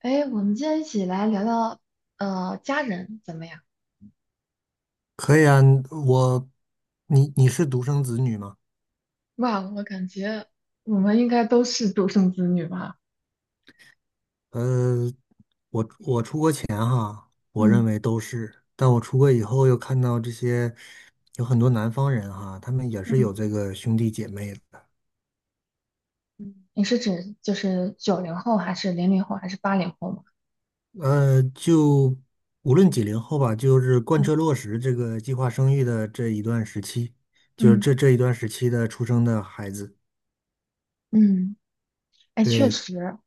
哎，我们今天一起来聊聊，家人怎么样？可以啊，我，你是独生子女吗？哇，我感觉我们应该都是独生子女吧？呃，我出国前哈，我认嗯。为都是，但我出国以后又看到这些有很多南方人哈，他们也是嗯有这个兄弟姐妹的。嗯你是指就是90后，还是00后，还是80后吗？就无论几零后吧，就是贯嗯彻落实这个计划生育的这一段时期，就是嗯这一段时期的出生的孩子，嗯。哎，确对，实，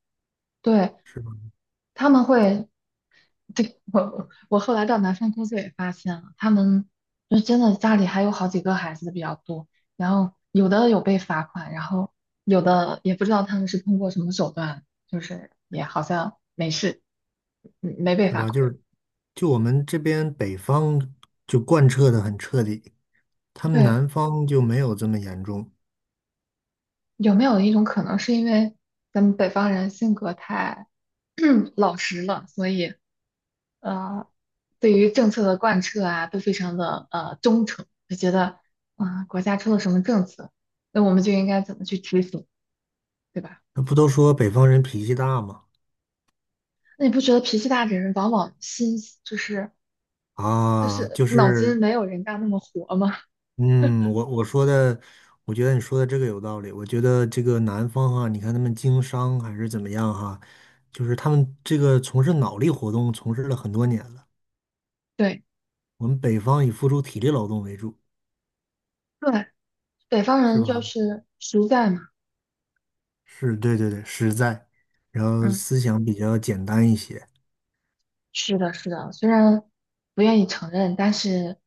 对，是吧？他们会。对，我后来到南方工作也发现了，他们就真的家里还有好几个孩子比较多，然后有的有被罚款，然后有的也不知道他们是通过什么手段，就是也好像没事，没被是罚吧？款。就我们这边北方就贯彻的很彻底。他们对，南方就没有这么严重。有没有一种可能是因为咱们北方人性格太 老实了，所以呃对于政策的贯彻啊，都非常的忠诚，就觉得啊、国家出了什么政策，那我们就应该怎么去执行，对吧？那不都说北方人脾气大吗？那你不觉得脾气大的人往往心就是啊，就脑筋是，没有人家那么活吗？嗯，我说的，我觉得你说的这个有道理。我觉得这个南方哈，你看他们经商还是怎么样哈，就是他们这个从事脑力活动从事了很多年了。对我们北方以付出体力劳动为主，对，北方是人就吧？是实在嘛，是，对对对，实在，然后嗯。思想比较简单一些。是的，是的，虽然不愿意承认，但是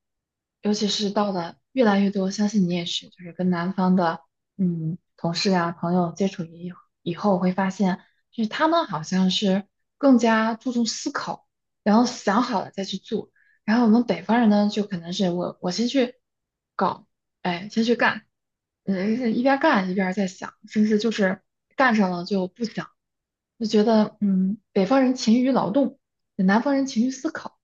尤其是到了越来越多，相信你也是，就是跟南方的同事啊朋友接触以后，会发现就是他们好像是更加注重思考，然后想好了再去做，然后我们北方人呢，就可能是我先去搞，哎，先去干，一边干一边在想，甚至就是干上了就不想。就觉得，北方人勤于劳动，南方人勤于思考。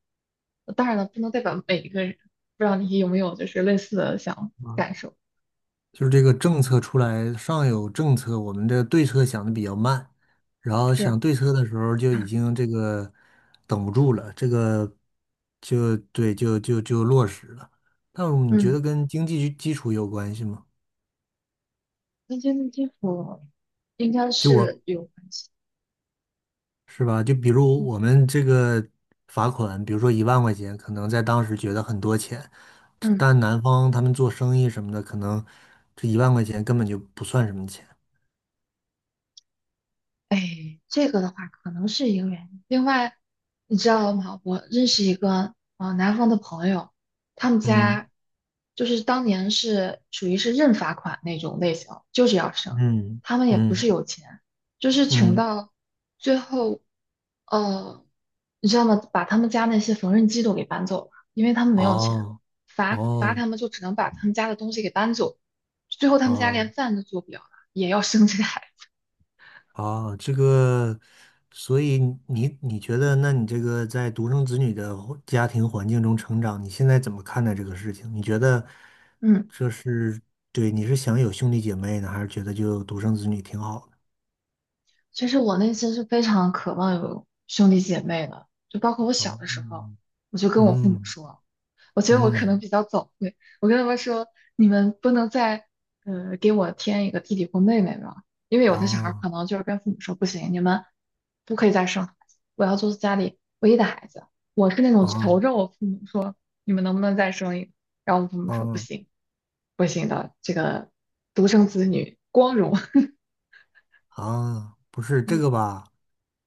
当然了，不能代表每一个人。不知道你有没有就是类似的想感受？就是这个政策出来，上有政策，我们的对策想的比较慢，然后是啊，想对策的时候就已经这个等不住了，这个就对，就落实了。但你觉嗯，得跟经济基础有关系吗？跟间的基础应该就我是有关系。是吧？就比如嗯，我们这个罚款，比如说一万块钱，可能在当时觉得很多钱，嗯。但南方他们做生意什么的，可能这一万块钱根本就不算什么钱。哎，这个的话可能是一个原因。另外，你知道吗？我认识一个南方的朋友，他们嗯家就是当年是属于是认罚款那种类型，就是要生。嗯他们也不是嗯有钱，就是穷嗯。到最后，呃，你知道吗？把他们家那些缝纫机都给搬走了，因为他们没有钱，哦，罚哦，他们就只能把他们家的东西给搬走。最后他们家哦，连饭都做不了了，也要生这个孩子。哦，这个，所以你觉得，那你这个在独生子女的家庭环境中成长，你现在怎么看待这个事情？你觉得嗯。这是对，你是想有兄弟姐妹呢，还是觉得就独生子女挺好的？其实我内心是非常渴望有兄弟姐妹的，就包括我小哦，的时候，嗯我就跟我父母嗯说，我觉得我可能嗯，比较早慧，我跟他们说，你们不能再给我添一个弟弟或妹妹吧，因为有的小孩儿哦可能就是跟父母说不行，你们不可以再生孩子，我要做家里唯一的孩子，我是那种求哦着我父母，你们能不能再生一个？然后我父母说不哦。行，不行的，这个独生子女光荣，啊，不是 这嗯个吧？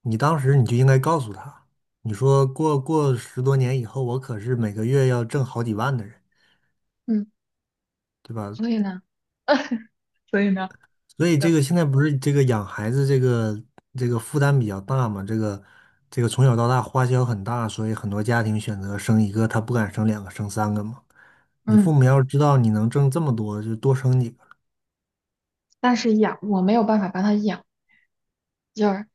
你当时你就应该告诉他，你说过10多年以后，我可是每个月要挣好几万的人，嗯，对吧？所以呢，所以呢。所以这对。个现在不是这个养孩子这个负担比较大嘛？这个这个从小到大花销很大，所以很多家庭选择生一个，他不敢生两个，生三个嘛。你父嗯。母要是知道你能挣这么多，就多生几个。但是养我没有办法帮他养就是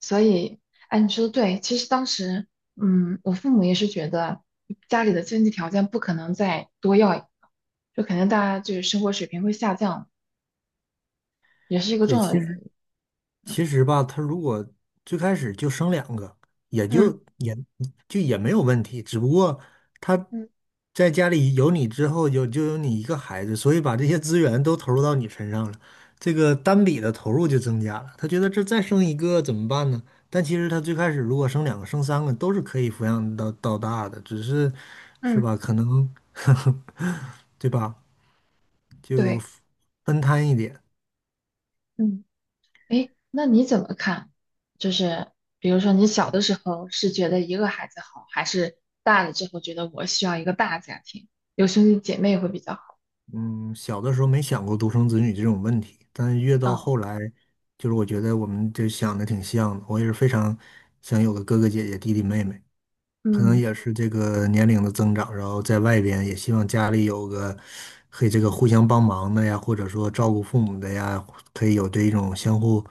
所以，哎，你说的对。其实当时，我父母也是觉得家里的经济条件不可能再多要一个，就肯定大家就是生活水平会下降，也是一个重对，要的其原实。因。嗯其实吧，他如果最开始就生两个，也嗯就也也没有问题。只不过他嗯在家里有你之后，有就有你一个孩子，所以把这些资源都投入到你身上了，这个单笔的投入就增加了。他觉得这再生一个怎么办呢？但其实他最开始如果生两个、生三个都是可以抚养到大的，只是是嗯，吧？可能 对吧？就对，分摊一点。嗯，哎，那你怎么看？就是比如说你小的时候是觉得一个孩子好，还是大了之后觉得我需要一个大家庭，有兄弟姐妹会比较好？嗯，小的时候没想过独生子女这种问题，但是越到嗯后来，就是我觉得我们就想的挺像的。我也是非常想有个哥哥姐姐、弟弟妹妹，可能嗯也是这个年龄的增长，然后在外边也希望家里有个可以这个互相帮忙的呀，或者说照顾父母的呀，可以有这一种相互，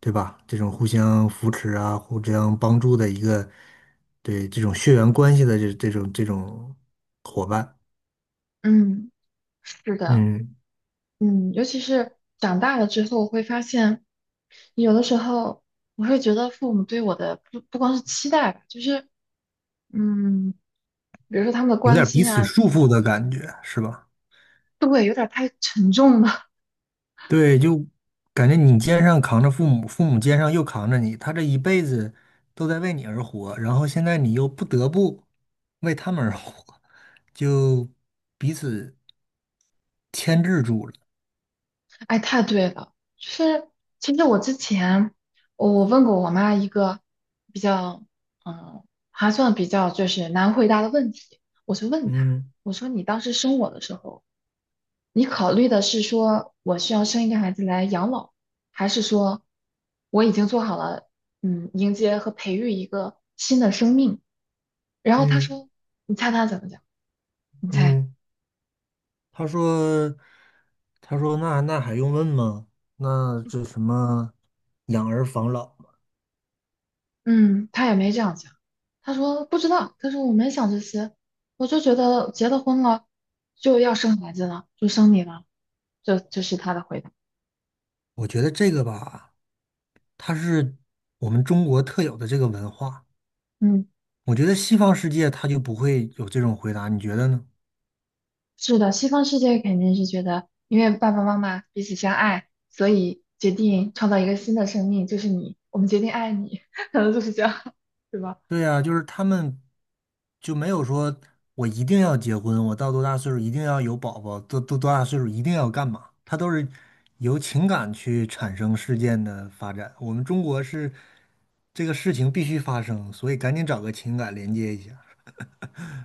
对吧？这种互相扶持啊，互相帮助的一个，对这种血缘关系的这种伙伴，嗯。是的，嗯。尤其是长大了之后，我会发现有的时候我会觉得父母对我的不光是期待吧，就是嗯，比如说他们的有关点彼心此啊，束缚的感觉，是吧？对，有点儿太沉重了，对，就感觉你肩上扛着父母，父母肩上又扛着你，他这一辈子都在为你而活，然后现在你又不得不为他们而活，就彼此牵制住了。哎，太对了。就是其实我之前我问过我妈一个比较嗯还算比较就是难回答的问题，我就问她，嗯我说你当时生我的时候。你考虑的是说我需要生一个孩子来养老，还是说我已经做好了，迎接和培育一个新的生命？然后他嗯说，你猜他怎么讲？你猜？嗯，他说，他说那还用问吗？那这什么养儿防老嘛？嗯，他也没这样讲。他说不知道，他说我没想这些，我就觉得结了婚了就要生孩子了，就生你了，这是他的回答。我觉得这个吧，它是我们中国特有的这个文化。嗯。我觉得西方世界他就不会有这种回答，你觉得呢？是的，西方世界肯定是觉得，因为爸爸妈妈彼此相爱，所以决定创造一个新的生命，就是你，我们决定爱你，可能就是这样，对吧？对呀，就是他们就没有说我一定要结婚，我到多大岁数一定要有宝宝，多大岁数一定要干嘛？他都是由情感去产生事件的发展。我们中国是这个事情必须发生，所以赶紧找个情感连接一下。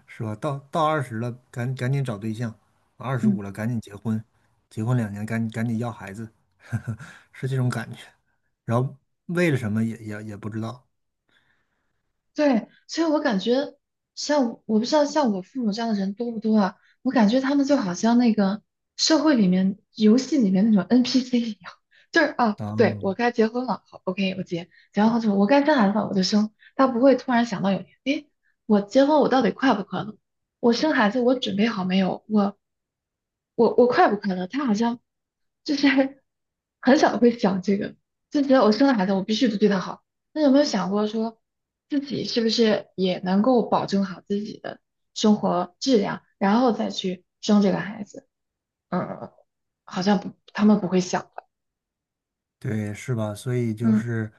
是吧？到二十了，赶紧找对象；二十嗯。五了，赶紧结婚，结婚2年，赶紧要孩子，是这种感觉。然后为了什么也不知道对，所以我感觉像我不知道像我父母这样的人多不多啊？我感觉他们就好像那个社会里面、游戏里面那种 NPC 一样，就是啊，对，啊。我该结婚了，好，OK，结完婚之后我该生孩子了，我就生。他不会突然想到有一天，诶，我结婚我到底快不快乐？我生孩子我准备好没有？我快不快乐？他好像就是很少会想这个，就觉得我生了孩子，我必须得对他好。那有没有想过说，自己是不是也能够保证好自己的生活质量，然后再去生这个孩子？嗯，嗯嗯好像不，他们不会想的。对，是吧？所以就嗯是，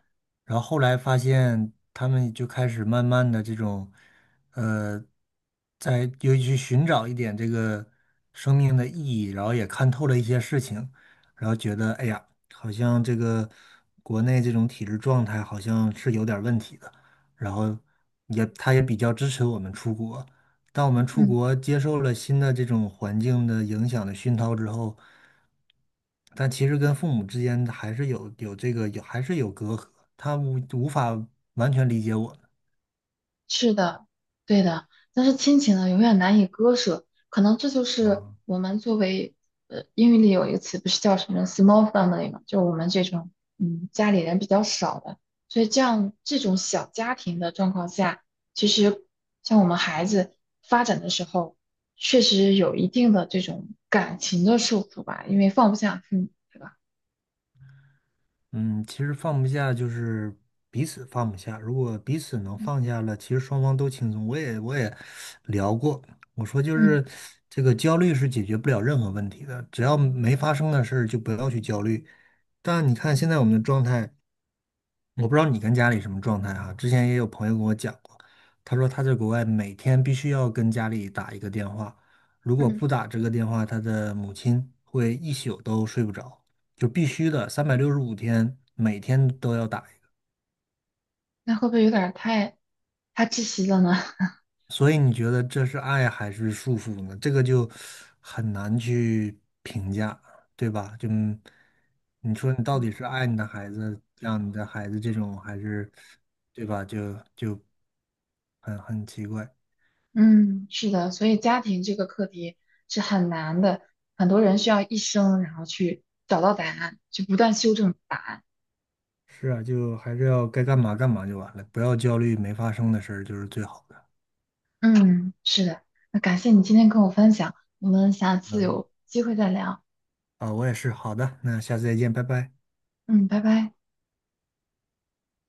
然后后来发现他们就开始慢慢的这种，呃，在尤其去寻找一点这个生命的意义，然后也看透了一些事情，然后觉得，哎呀，好像这个国内这种体制状态好像是有点儿问题的，然后也他也比较支持我们出国，当我们出嗯。国接受了新的这种环境的影响的熏陶之后，但其实跟父母之间还是有有这个有还是有隔阂，他无法完全理解我是的，对的，但是亲情呢，永远难以割舍。可能这就们。是啊，我们作为英语里有一个词不是叫什么 small family 嘛，就是我们这种家里人比较少的，所以这样这种小家庭的状况下，其实像我们孩子发展的时候，确实有一定的这种感情的束缚吧，因为放不下父母，对吧？嗯，其实放不下就是彼此放不下。如果彼此能嗯，放下了，其实双方都轻松。我也聊过，我说就嗯是这个焦虑是解决不了任何问题的，只要没发生的事儿就不要去焦虑。但你看现在我们的状态。我不知道你跟家里什么状态哈、之前也有朋友跟我讲过，他说他在国外每天必须要跟家里打一个电话，如果嗯。不打这个电话，他的母亲会一宿都睡不着，就必须的，365天每天都要打一个。那会不会有点儿太窒息了呢？所以你觉得这是爱还是束缚呢？这个就很难去评价，对吧？就你说你到 底是爱你的孩子，让你的孩子这种，还是对吧？就很奇怪。嗯，是的，所以家庭这个课题是很难的，很多人需要一生，然后去找到答案，去不断修正答案。是啊，就还是要该干嘛干嘛就完了，不要焦虑没发生的事儿就是最好的。嗯，是的，那感谢你今天跟我分享，我们下次嗯，有机会再聊。啊，我也是。好的，那下次再见，拜拜。嗯，拜拜。